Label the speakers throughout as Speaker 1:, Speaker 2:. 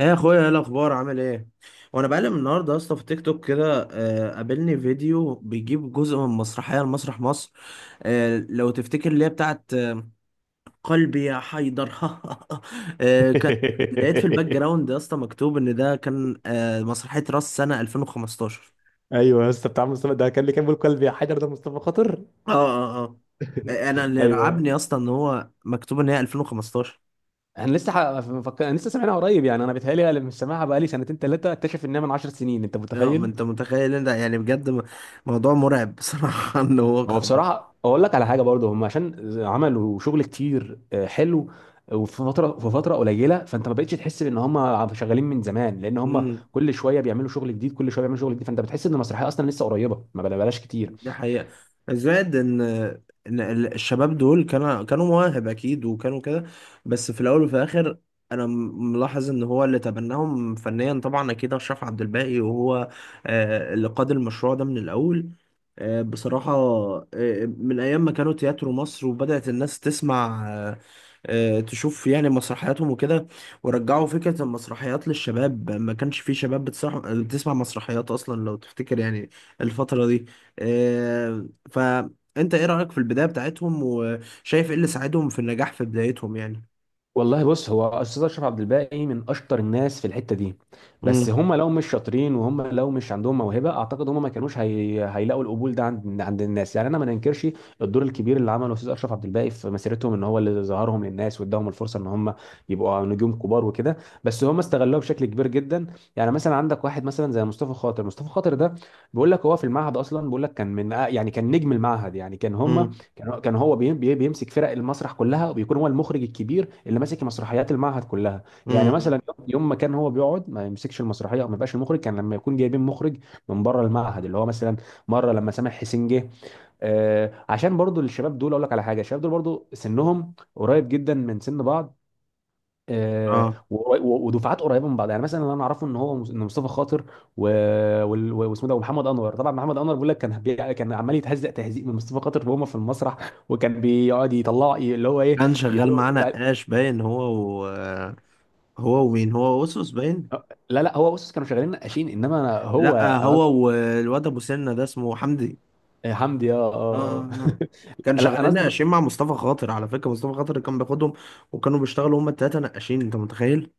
Speaker 1: ايه يا اخويا؟ ايه الاخبار؟ عامل ايه؟ وانا بقلب النهارده يا اسطى في تيك توك كده قابلني فيديو بيجيب جزء من مسرحيه لمسرح مصر. لو تفتكر اللي هي بتاعت قلبي يا حيدر. آه، كان لقيت في الباك جراوند يا اسطى مكتوب ان ده كان مسرحيه راس سنه 2015.
Speaker 2: ايوه يا اسطى. بتاع مصطفى ده كان اللي كان بيقول كلب يا حجر، ده مصطفى خاطر.
Speaker 1: اه اه. اه، انا اللي
Speaker 2: ايوه.
Speaker 1: رعبني يا اسطى ان هو مكتوب ان هي 2015.
Speaker 2: انا لسه ح... انا لسه سامعها قريب، يعني انا بيتهيألي انا مش سامعها بقالي سنتين ثلاثه، اكتشف انها من 10 سنين، انت
Speaker 1: اه، ما
Speaker 2: متخيل.
Speaker 1: انت متخيل ان ده يعني بجد، موضوع مرعب بصراحه. ان هو
Speaker 2: هو
Speaker 1: خبط.
Speaker 2: بصراحه اقول لك على حاجه برضه، هم عشان عملوا شغل كتير حلو. وفي فتره في فتره قليله، فانت ما بقتش تحس ان هم شغالين من زمان، لان هم كل شويه بيعملوا شغل جديد كل شويه بيعملوا شغل جديد، فانت بتحس ان المسرحيه اصلا لسه قريبه. ما بلاش كتير.
Speaker 1: دي حقيقة. زائد ان الشباب دول كانوا مواهب اكيد وكانوا كده. بس في الاول وفي الاخر، انا ملاحظ ان هو اللي تبناهم فنيا طبعا اكيد اشرف عبد الباقي، وهو اللي قاد المشروع ده من الاول. بصراحة، من ايام ما كانوا تياترو مصر وبدأت الناس تسمع تشوف يعني مسرحياتهم وكده، ورجعوا فكرة المسرحيات للشباب. ما كانش في شباب بتسمع مسرحيات اصلا لو تفتكر يعني الفترة دي. فانت ايه رأيك في البداية بتاعتهم؟ وشايف ايه اللي ساعدهم في النجاح في بدايتهم يعني؟
Speaker 2: والله بص، هو استاذ اشرف عبد الباقي من اشطر الناس في الحته دي، بس
Speaker 1: امم.
Speaker 2: هم لو مش شاطرين وهم لو مش عندهم موهبه اعتقد هم ما كانوش هيلاقوا القبول ده عند الناس. يعني انا ما ننكرش الدور الكبير اللي عمله استاذ اشرف عبد الباقي في مسيرتهم، ان هو اللي ظهرهم للناس واداهم الفرصه ان هم يبقوا نجوم كبار وكده، بس هم استغلوها بشكل كبير جدا. يعني مثلا عندك واحد مثلا زي مصطفى خاطر. مصطفى خاطر ده بيقول لك هو في المعهد اصلا، بيقول لك كان من يعني كان نجم المعهد، يعني كان هم
Speaker 1: امم.
Speaker 2: كان هو بيمسك فرق المسرح كلها، وبيكون هو المخرج الكبير اللي ماسك مسرحيات المعهد كلها. يعني
Speaker 1: امم.
Speaker 2: مثلا يوم ما كان هو بيقعد ما يمسكش المسرحيه او ما يبقاش المخرج، كان لما يكون جايبين مخرج من بره المعهد، اللي هو مثلا مره لما سامح حسين جه. عشان برضو الشباب دول اقول لك على حاجه، الشباب دول برضو سنهم قريب جدا من سن بعض،
Speaker 1: اه،
Speaker 2: ودفعات قريبه من بعض. يعني مثلا اللي انا اعرفه ان هو ان مصطفى خاطر و- واسمه ده، ومحمد انور. طبعا محمد انور بيقول لك كان عمال يتهزق تهزيق من مصطفى خاطر وهما في المسرح، وكان بيقعد يطلع اللي هو ايه،
Speaker 1: كان شغال
Speaker 2: يقول.
Speaker 1: معانا نقاش باين، هو و... هو ومين، هو وسوس باين.
Speaker 2: لا لا، هو بص كانوا شغالين نقاشين، انما أنا هو
Speaker 1: لا،
Speaker 2: انا قصدي.
Speaker 1: هو والواد ابو سنة ده اسمه حمدي.
Speaker 2: حمدي، اه
Speaker 1: اه،
Speaker 2: اه.
Speaker 1: آه، آه. كان
Speaker 2: آه. لا انا
Speaker 1: شغالين
Speaker 2: قصدي.
Speaker 1: نقاشين مع مصطفى خاطر. على فكرة مصطفى خاطر كان بياخدهم وكانوا بيشتغلوا هما التلاتة نقاشين، انت متخيل.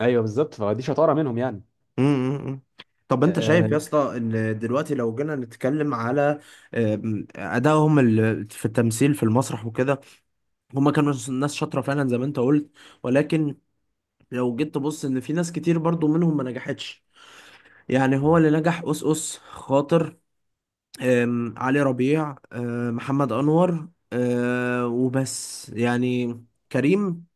Speaker 2: ايوه بالظبط، فدي شطاره منهم يعني.
Speaker 1: امم. طب انت شايف يا
Speaker 2: آه،
Speaker 1: اسطى ان دلوقتي لو جينا نتكلم على ادائهم في التمثيل في المسرح وكده، هما كانوا ناس شاطره فعلا زي ما انت قلت، ولكن لو جيت تبص، ان في ناس كتير برضو منهم ما نجحتش. يعني هو اللي نجح اس خاطر، علي ربيع، محمد انور، وبس يعني. كريم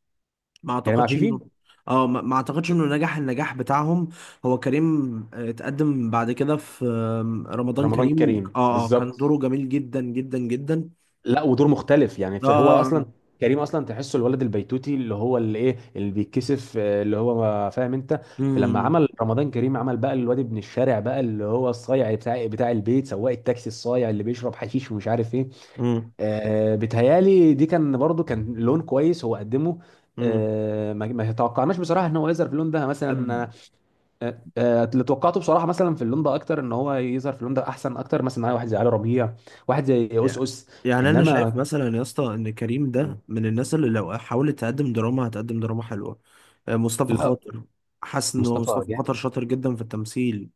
Speaker 1: ما
Speaker 2: كريم
Speaker 1: اعتقدش انه،
Speaker 2: عفيفي.
Speaker 1: اه، ما اعتقدش انه نجح النجاح بتاعهم. هو كريم اتقدم بعد كده في رمضان
Speaker 2: رمضان
Speaker 1: كريم.
Speaker 2: كريم
Speaker 1: اه اه، كان
Speaker 2: بالظبط.
Speaker 1: دوره جميل جدا جدا جدا.
Speaker 2: لا، ودور مختلف يعني،
Speaker 1: اه
Speaker 2: فهو
Speaker 1: اه
Speaker 2: اصلا
Speaker 1: اه.
Speaker 2: كريم اصلا تحسه الولد البيتوتي، اللي هو اللي ايه، اللي بيتكسف، اللي هو فاهم انت. فلما
Speaker 1: امم.
Speaker 2: عمل رمضان كريم عمل بقى الواد ابن الشارع بقى، اللي هو الصايع بتاع البيت، سواق التاكسي الصايع اللي بيشرب حشيش ومش عارف ايه.
Speaker 1: امم.
Speaker 2: بيتهيالي دي كان برضو كان لون كويس هو قدمه. ما توقعناش بصراحه ان هو يظهر في اللون ده مثلا.
Speaker 1: امم.
Speaker 2: اللي توقعته بصراحه مثلا في اللون ده اكتر، ان هو يظهر في اللون ده احسن اكتر مثلا، معايا واحد زي علي ربيع، واحد زي أوس
Speaker 1: يعني،
Speaker 2: أوس.
Speaker 1: انا شايف
Speaker 2: انما
Speaker 1: مثلا يا اسطى ان كريم ده من الناس اللي لو حاولت تقدم دراما هتقدم دراما حلوه. مصطفى
Speaker 2: لا،
Speaker 1: خاطر، حاسس ان هو
Speaker 2: مصطفى
Speaker 1: مصطفى
Speaker 2: جامد.
Speaker 1: خاطر شاطر جدا في التمثيل.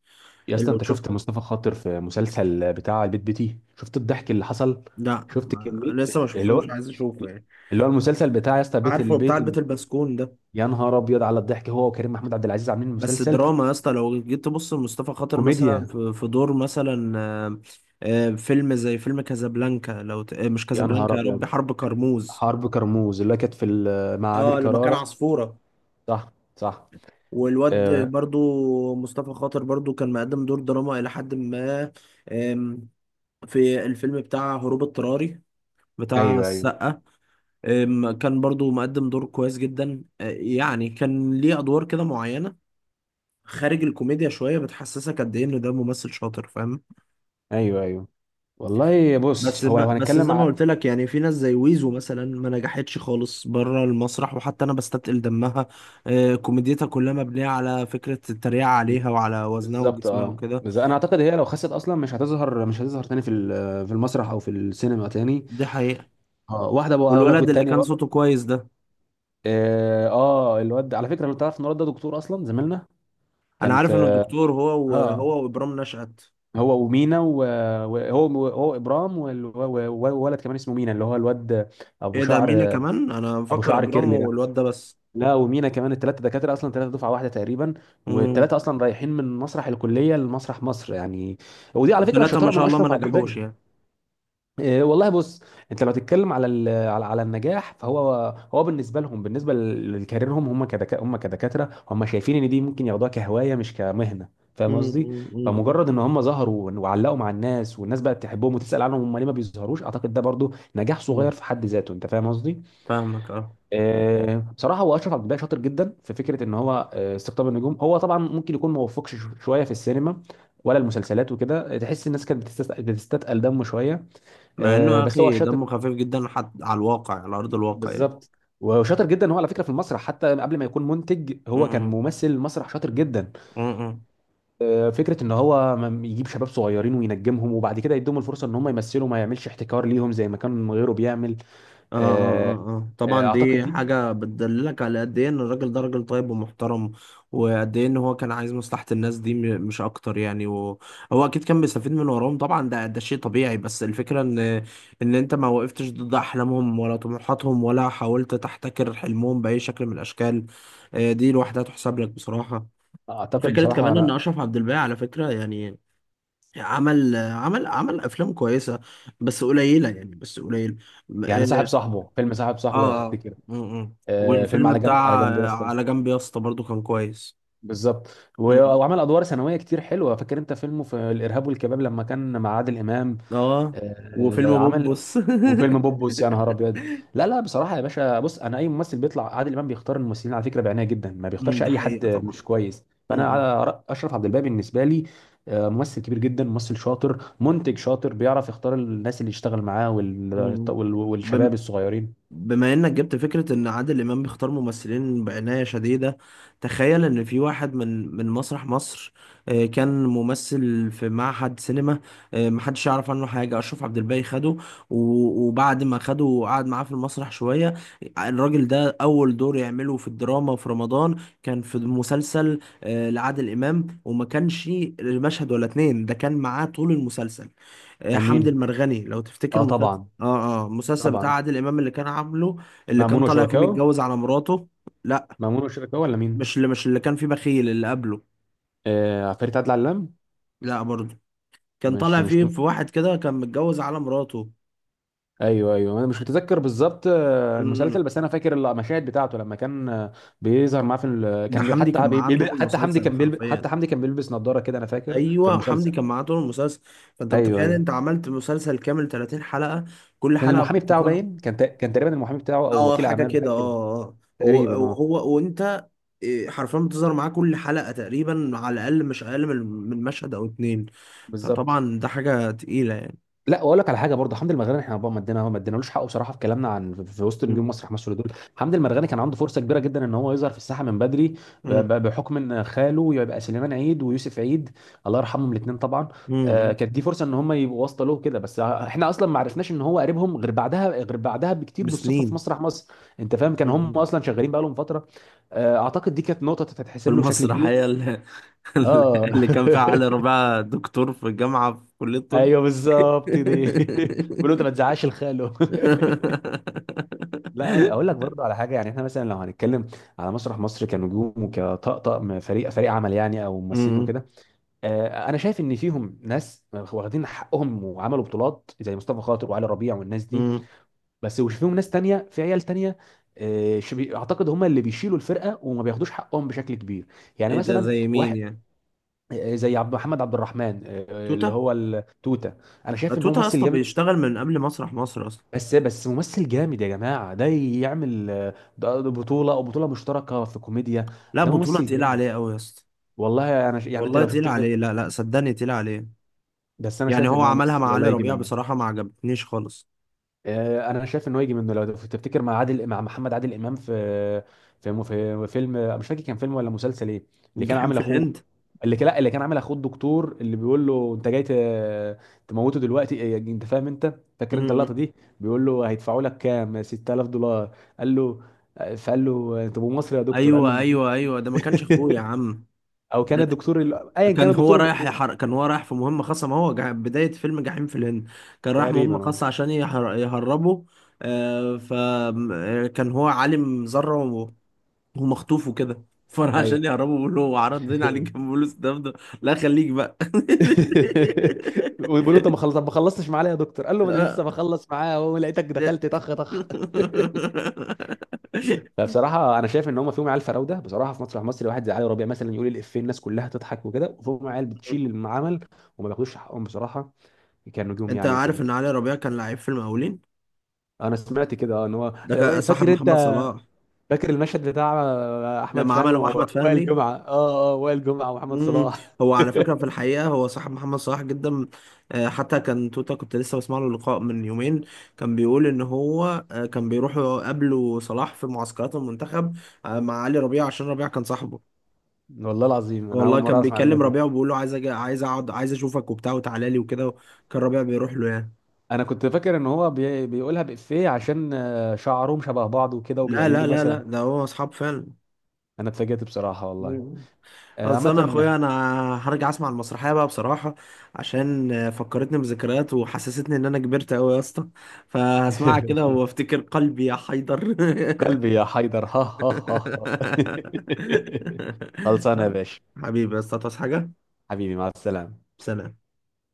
Speaker 2: يا اسطى
Speaker 1: لو
Speaker 2: انت
Speaker 1: تشوف،
Speaker 2: شفت مصطفى خاطر في مسلسل بتاع البيت بيتي، شفت الضحك اللي حصل،
Speaker 1: لا
Speaker 2: شفت كميه،
Speaker 1: لسه ما
Speaker 2: اللي هو
Speaker 1: شفتوش، عايز اشوفه يعني.
Speaker 2: اللي هو المسلسل بتاع يا اسطى بيت
Speaker 1: عارفه بتاع
Speaker 2: البيت
Speaker 1: البيت
Speaker 2: المسكون.
Speaker 1: البسكون ده.
Speaker 2: يا نهار ابيض على الضحك، هو وكريم محمود عبد العزيز عاملين
Speaker 1: بس
Speaker 2: مسلسل
Speaker 1: دراما يا اسطى، لو جيت تبص لمصطفى خاطر مثلا
Speaker 2: كوميديا.
Speaker 1: في دور مثلا فيلم زي فيلم كازابلانكا، لو ت... آه، مش
Speaker 2: يا
Speaker 1: كازابلانكا،
Speaker 2: نهار
Speaker 1: يا
Speaker 2: ابيض،
Speaker 1: ربي، حرب كرموز.
Speaker 2: حرب كرموز اللي كانت مع امير
Speaker 1: اه، لما كان
Speaker 2: كرارة.
Speaker 1: عصفورة.
Speaker 2: صح صح.
Speaker 1: والواد
Speaker 2: آه.
Speaker 1: برضو مصطفى خاطر برضو كان مقدم دور دراما إلى حد ما. آم، في الفيلم بتاع هروب اضطراري بتاع
Speaker 2: ايوه ايوه
Speaker 1: السقا، كان برضو مقدم دور كويس جدا. يعني كان ليه أدوار كده معينة خارج الكوميديا شوية، بتحسسك قد إيه إن ده ممثل شاطر، فاهم.
Speaker 2: ايوه ايوه. والله
Speaker 1: بس
Speaker 2: بص هو لو
Speaker 1: بس زي
Speaker 2: هنتكلم
Speaker 1: ما
Speaker 2: ع...
Speaker 1: قلت لك، يعني في ناس زي ويزو مثلا ما نجحتش خالص بره المسرح، وحتى انا بستثقل دمها. كوميديتها كلها مبنيه على فكره التريقه عليها وعلى وزنها
Speaker 2: بالظبط.
Speaker 1: وجسمها
Speaker 2: اه،
Speaker 1: وكده.
Speaker 2: بس انا اعتقد هي لو خست اصلا مش هتظهر تاني في المسرح او في السينما تاني.
Speaker 1: دي حقيقه.
Speaker 2: اه، واحده بقى اقول لك
Speaker 1: والولد اللي
Speaker 2: والتانيه
Speaker 1: كان
Speaker 2: بقى.
Speaker 1: صوته كويس ده،
Speaker 2: اه. الواد على فكره لو تعرف ان الواد ده دكتور اصلا زميلنا،
Speaker 1: انا
Speaker 2: كان
Speaker 1: عارف انه
Speaker 2: في.
Speaker 1: دكتور، هو
Speaker 2: اه،
Speaker 1: وابرام نشأت.
Speaker 2: هو ومينا، وهو هو هو ابرام، والولد كمان اسمه مينا اللي هو الواد ابو
Speaker 1: ايه ده؟ مينا
Speaker 2: شعر،
Speaker 1: كمان؟ انا
Speaker 2: ابو
Speaker 1: مفكر
Speaker 2: شعر
Speaker 1: ابرام
Speaker 2: كيرلي ده.
Speaker 1: والواد ده بس.
Speaker 2: لا، ومينا كمان، الثلاثه دكاتره اصلا، ثلاثه دفعه واحده تقريبا، والثلاثه
Speaker 1: امم.
Speaker 2: اصلا رايحين من مسرح الكليه لمسرح مصر يعني. ودي على فكره
Speaker 1: الثلاثه ما
Speaker 2: شطاره من
Speaker 1: شاء الله ما
Speaker 2: اشرف عبد الباقي.
Speaker 1: نجحوش يعني.
Speaker 2: إيه والله بص، انت لو تتكلم على على النجاح، فهو بالنسبه لهم، بالنسبه لكاريرهم، هم كدكاتره، هم شايفين ان دي ممكن ياخدوها كهوايه مش كمهنه،
Speaker 1: مم،
Speaker 2: فاهم قصدي.
Speaker 1: مم، مم.
Speaker 2: فمجرد ان هم ظهروا وعلقوا مع الناس، والناس بقت تحبهم وتسال عنهم هم ليه ما بيظهروش، اعتقد ده برضو نجاح صغير
Speaker 1: مم.
Speaker 2: في حد ذاته، انت فاهم قصدي.
Speaker 1: فاهمك، اه.
Speaker 2: بصراحه هو اشرف عبد الباقي شاطر جدا في فكره ان هو استقطاب النجوم. هو طبعا ممكن يكون ما وفقش شويه في السينما ولا المسلسلات وكده، تحس الناس كانت بتستثقل دمه شويه.
Speaker 1: مع انه يا
Speaker 2: بس هو
Speaker 1: اخي
Speaker 2: شاطر
Speaker 1: دمه خفيف جدا حتى على الواقع، على ارض الواقع.
Speaker 2: بالظبط، وشاطر جدا هو على فكره في المسرح، حتى قبل ما يكون منتج هو كان
Speaker 1: يعني.
Speaker 2: ممثل المسرح شاطر جدا.
Speaker 1: امم.
Speaker 2: فكره ان هو يجيب شباب صغيرين وينجمهم، وبعد كده يديهم الفرصه ان هم يمثلوا، ما يعملش احتكار ليهم زي ما كان غيره بيعمل.
Speaker 1: اه اه
Speaker 2: آه،
Speaker 1: اه اه،
Speaker 2: آه،
Speaker 1: طبعا
Speaker 2: اعتقد
Speaker 1: دي
Speaker 2: دي
Speaker 1: حاجة بتدللك على قد ايه ان الراجل ده راجل طيب ومحترم، وقد ايه ان هو كان عايز مصلحة الناس دي، مش اكتر يعني. وهو اكيد كان بيستفيد من وراهم طبعا، ده شيء طبيعي. بس الفكرة ان انت ما وقفتش ضد احلامهم ولا طموحاتهم، ولا حاولت تحتكر حلمهم بأي شكل من الاشكال. دي لوحدها تحسب لك بصراحة.
Speaker 2: اعتقد
Speaker 1: فكرة
Speaker 2: بصراحه
Speaker 1: كمان ان
Speaker 2: انا.
Speaker 1: اشرف عبد الباقي، على فكرة يعني، عمل افلام كويسة، بس قليلة يعني، بس قليل.
Speaker 2: يعني صاحب
Speaker 1: آه.
Speaker 2: صاحبه، فيلم صاحب صاحبه لو
Speaker 1: اه.
Speaker 2: تفتكر.
Speaker 1: امم.
Speaker 2: آه فيلم
Speaker 1: والفيلم
Speaker 2: على جنب، على
Speaker 1: بتاع
Speaker 2: جنب يا اسطى،
Speaker 1: على جنب يا اسطى برضو كان كويس.
Speaker 2: بالظبط.
Speaker 1: امم.
Speaker 2: وعمل ادوار ثانويه كتير حلوه، فاكر انت فيلمه في الارهاب والكباب لما كان مع عادل امام.
Speaker 1: اه، وفيلم
Speaker 2: عمل،
Speaker 1: بوبوس.
Speaker 2: وفيلم بوبوس يا نهار ابيض. لا لا بصراحه يا باشا بص، انا اي ممثل بيطلع عادل امام بيختار الممثلين على فكره بعنايه جدا، ما
Speaker 1: امم،
Speaker 2: بيختارش
Speaker 1: دي
Speaker 2: اي حد
Speaker 1: حقيقة طبعا.
Speaker 2: مش كويس، فانا
Speaker 1: امم.
Speaker 2: على اشرف عبد الباقي بالنسبه لي ممثل كبير جدا، ممثل شاطر، منتج شاطر، بيعرف يختار الناس اللي يشتغل معاه
Speaker 1: امم.
Speaker 2: والشباب الصغيرين.
Speaker 1: بما انك جبت فكرة ان عادل امام بيختار ممثلين بعناية شديدة، تخيل ان في واحد من مسرح مصر، كان ممثل في معهد سينما، محدش يعرف عنه حاجة. اشرف عبد الباقي خده، وبعد ما خده وقعد معاه في المسرح شوية، الراجل ده اول دور يعمله في الدراما في رمضان كان في مسلسل لعادل امام، وما كانش مشهد ولا اتنين، ده كان معاه طول المسلسل.
Speaker 2: كان
Speaker 1: حمد
Speaker 2: مين؟
Speaker 1: المرغني، لو تفتكر
Speaker 2: اه
Speaker 1: مسلسل،
Speaker 2: طبعا.
Speaker 1: اه اه، المسلسل بتاع
Speaker 2: طبعا،
Speaker 1: عادل امام اللي كان عامله، اللي كان
Speaker 2: مأمون
Speaker 1: طالع فيه
Speaker 2: وشركائه.
Speaker 1: متجوز على مراته. لا،
Speaker 2: مأمون وشركائه ولا
Speaker 1: مش
Speaker 2: مين؟
Speaker 1: اللي، مش اللي كان فيه بخيل اللي قبله.
Speaker 2: فريق عدل علام.
Speaker 1: لا برضه، كان
Speaker 2: مش
Speaker 1: طالع
Speaker 2: مش
Speaker 1: فيه
Speaker 2: م...
Speaker 1: في واحد كده كان متجوز على مراته.
Speaker 2: ايوه ايوه، انا مش متذكر بالظبط المسلسل،
Speaker 1: امم.
Speaker 2: بس انا فاكر المشاهد بتاعته لما كان بيظهر معاه في ال...
Speaker 1: ده
Speaker 2: كان بي-
Speaker 1: حمدي كان
Speaker 2: حتى بي...
Speaker 1: معاه طول
Speaker 2: بي...
Speaker 1: المسلسل حرفيا.
Speaker 2: حتى حمدي كان بيلبس نظارة كده، انا فاكر في
Speaker 1: ايوه، حمدي
Speaker 2: المسلسل.
Speaker 1: كان معاه طول المسلسل. فانت
Speaker 2: ايوه
Speaker 1: متخيل،
Speaker 2: ايوه،
Speaker 1: انت عملت مسلسل كامل 30 حلقة، كل
Speaker 2: كان
Speaker 1: حلقة
Speaker 2: المحامي بتاعه
Speaker 1: بتطلع.
Speaker 2: باين، كان تقريبا المحامي بتاعه، او
Speaker 1: اه
Speaker 2: وكيل
Speaker 1: حاجه
Speaker 2: اعماله
Speaker 1: كده.
Speaker 2: حاجه كده
Speaker 1: اه اه، هو.
Speaker 2: تقريبا. اه،
Speaker 1: هو وانت، إيه، حرفيا بتظهر معاه كل حلقه تقريبا، على الاقل مش اقل من من مشهد او اتنين.
Speaker 2: بالظبط.
Speaker 1: فطبعا ده حاجه تقيله يعني.
Speaker 2: لا واقول لك على حاجه برضه، حمدي المرغني احنا بقى ما ادينالوش حقه بصراحه في كلامنا عن، في وسط نجوم
Speaker 1: مم.
Speaker 2: مسرح مصر دول، حمدي المرغني كان عنده فرصه كبيره جدا ان هو يظهر في الساحه من بدري،
Speaker 1: مم.
Speaker 2: بحكم ان خاله يبقى سليمان عيد ويوسف عيد، الله يرحمهم الاثنين طبعا.
Speaker 1: مم.
Speaker 2: كانت دي فرصه ان هم يبقوا واسطه له كده، بس احنا اصلا ما عرفناش ان هو قريبهم غير بعدها، غير بعدها بكتير بالصدفه في
Speaker 1: بسنين.
Speaker 2: مسرح مصر، انت فاهم. كان هم
Speaker 1: مم.
Speaker 2: اصلا شغالين بقى لهم فتره. اعتقد دي كانت نقطه
Speaker 1: في
Speaker 2: تتحسب له بشكل
Speaker 1: المسرح
Speaker 2: كبير.
Speaker 1: هي اللي،
Speaker 2: اه.
Speaker 1: اللي كان فيها علي ربيع دكتور في الجامعه في كليه الطب.
Speaker 2: ايوه بالظبط دي. بيقولوا انت ما تزعقش الخاله. لا اقول لك برضه على حاجه، يعني احنا مثلا لو هنتكلم على مسرح مصر كنجوم وكطقطق فريق عمل، يعني او ممثلين
Speaker 1: مم.
Speaker 2: وكده، انا شايف ان فيهم ناس واخدين حقهم وعملوا بطولات زي مصطفى خاطر وعلي ربيع والناس دي،
Speaker 1: مم.
Speaker 2: بس وش فيهم ناس تانية في عيال تانية. اعتقد هم اللي بيشيلوا الفرقه وما بياخدوش حقهم بشكل كبير. يعني
Speaker 1: ايه ده؟
Speaker 2: مثلا
Speaker 1: زي مين
Speaker 2: واحد
Speaker 1: يعني؟
Speaker 2: زي محمد عبد الرحمن، اللي
Speaker 1: توتا.
Speaker 2: هو التوته، انا شايف ان هو
Speaker 1: توتا
Speaker 2: ممثل
Speaker 1: اصلا
Speaker 2: جامد.
Speaker 1: بيشتغل من قبل مسرح مصر اصلا.
Speaker 2: بس ممثل جامد يا جماعة، ده يعمل ده بطولة أو بطولة مشتركة في كوميديا،
Speaker 1: لا،
Speaker 2: ده
Speaker 1: بطولة
Speaker 2: ممثل
Speaker 1: تقيلة
Speaker 2: جامد.
Speaker 1: عليه قوي يا اسطى.
Speaker 2: يعني أنت
Speaker 1: والله
Speaker 2: لو شفت
Speaker 1: تقيلة
Speaker 2: في...
Speaker 1: عليه، لا لا، صدقني تقيلة عليه.
Speaker 2: بس أنا
Speaker 1: يعني
Speaker 2: شايف
Speaker 1: هو
Speaker 2: إن هو
Speaker 1: عملها مع
Speaker 2: ممثل،
Speaker 1: علي
Speaker 2: والله يجي
Speaker 1: ربيع
Speaker 2: منه.
Speaker 1: بصراحة ما عجبتنيش خالص.
Speaker 2: انا شايف ان هو يجي منه لو تفتكر، مع محمد عادل امام في في في فيلم، مش فاكر كان فيلم ولا مسلسل ايه، اللي كان
Speaker 1: الجحيم
Speaker 2: عامل
Speaker 1: في
Speaker 2: اخوه،
Speaker 1: الهند.
Speaker 2: اللي كان لا اللي كان عامل اخوه الدكتور اللي بيقول له انت جاي تموته دلوقتي، إيه، إيه، انت فاهم انت،
Speaker 1: م-
Speaker 2: فاكر انت اللقطه
Speaker 1: م.
Speaker 2: دي. بيقول له هيدفعوا لك كام، 6000 دولار قال له، فقال له انت ابو مصري يا دكتور، قال له
Speaker 1: ايوه
Speaker 2: مديك.
Speaker 1: ايوه ايوه، ده ما كانش اخوه يا عم.
Speaker 2: او كان
Speaker 1: ده
Speaker 2: الدكتور ايا كان
Speaker 1: كان هو
Speaker 2: الدكتور
Speaker 1: رايح
Speaker 2: المطلوب،
Speaker 1: كان هو رايح في مهمة خاصة. ما هو بداية فيلم جحيم في الهند، كان رايح
Speaker 2: تقريبا.
Speaker 1: مهمة
Speaker 2: آه.
Speaker 1: خاصة عشان يهربه. آه، فكان هو عالم ذرة ومخطوف وكده. فراح عشان
Speaker 2: ايوه.
Speaker 1: يهربه بيقول له عرضنا عليك كام فلوس، ده. لا، خليك بقى.
Speaker 2: وبيقول له انت ما خلصتش معاه ليه يا دكتور، قال له ما انا لسه
Speaker 1: آه.
Speaker 2: بخلص معاه اهو لقيتك دخلت طخ طخ. فبصراحه انا شايف ان هم فيهم عيال فراوده بصراحه في مسرح مصر، واحد زي علي ربيع مثلا يقول الافيه الناس كلها تضحك وكده، وفيهم عيال بتشيل العمل وما بياخدوش حقهم بصراحه كنجوم
Speaker 1: انت
Speaker 2: يعني
Speaker 1: عارف
Speaker 2: وكده.
Speaker 1: ان علي ربيع كان لعيب في المقاولين؟
Speaker 2: انا سمعت كده، اه، ان هو.
Speaker 1: ده كان صاحب
Speaker 2: فاكر
Speaker 1: محمد
Speaker 2: انت،
Speaker 1: صلاح.
Speaker 2: فاكر المشهد بتاع احمد
Speaker 1: لما
Speaker 2: فهمي
Speaker 1: عمله مع احمد
Speaker 2: ووائل
Speaker 1: فهمي.
Speaker 2: جمعه، اه اه، وائل جمعه ومحمد
Speaker 1: مم.
Speaker 2: صلاح.
Speaker 1: هو على فكره في الحقيقه هو صاحب محمد صلاح جدا. حتى كان توتا، كنت لسه بسمع له لقاء من يومين، كان بيقول ان هو كان بيروح يقابله صلاح في معسكرات المنتخب مع علي ربيع عشان ربيع كان صاحبه.
Speaker 2: والله العظيم انا اول
Speaker 1: والله
Speaker 2: مره
Speaker 1: كان
Speaker 2: اعرف المعلومه.
Speaker 1: بيكلم ربيع وبيقول له عايز أجي، عايز اقعد، عايز اشوفك وبتاع، وتعالى لي وكده. كان ربيع بيروح له يعني.
Speaker 2: انا كنت فاكر ان هو بيقولها بإفيه عشان شعرهم شبه بعض وكده
Speaker 1: لا لا
Speaker 2: وبيقلدوا
Speaker 1: لا
Speaker 2: مثلا.
Speaker 1: لا، ده هو اصحاب فعلا.
Speaker 2: انا اتفاجئت بصراحة والله.
Speaker 1: مم. اصل انا
Speaker 2: عامة.
Speaker 1: اخويا انا هرجع اسمع المسرحيه بقى بصراحه، عشان فكرتني بذكريات وحسستني ان انا كبرت قوي يا اسطى. فهسمعها كده وافتكر قلبي يا حيدر.
Speaker 2: قلبي يا حيدر. ها ها ها. ها. خلصانة يا باشا،
Speaker 1: حبيبي يا اسطى، تصحى حاجه.
Speaker 2: حبيبي مع السلامة.
Speaker 1: سلام.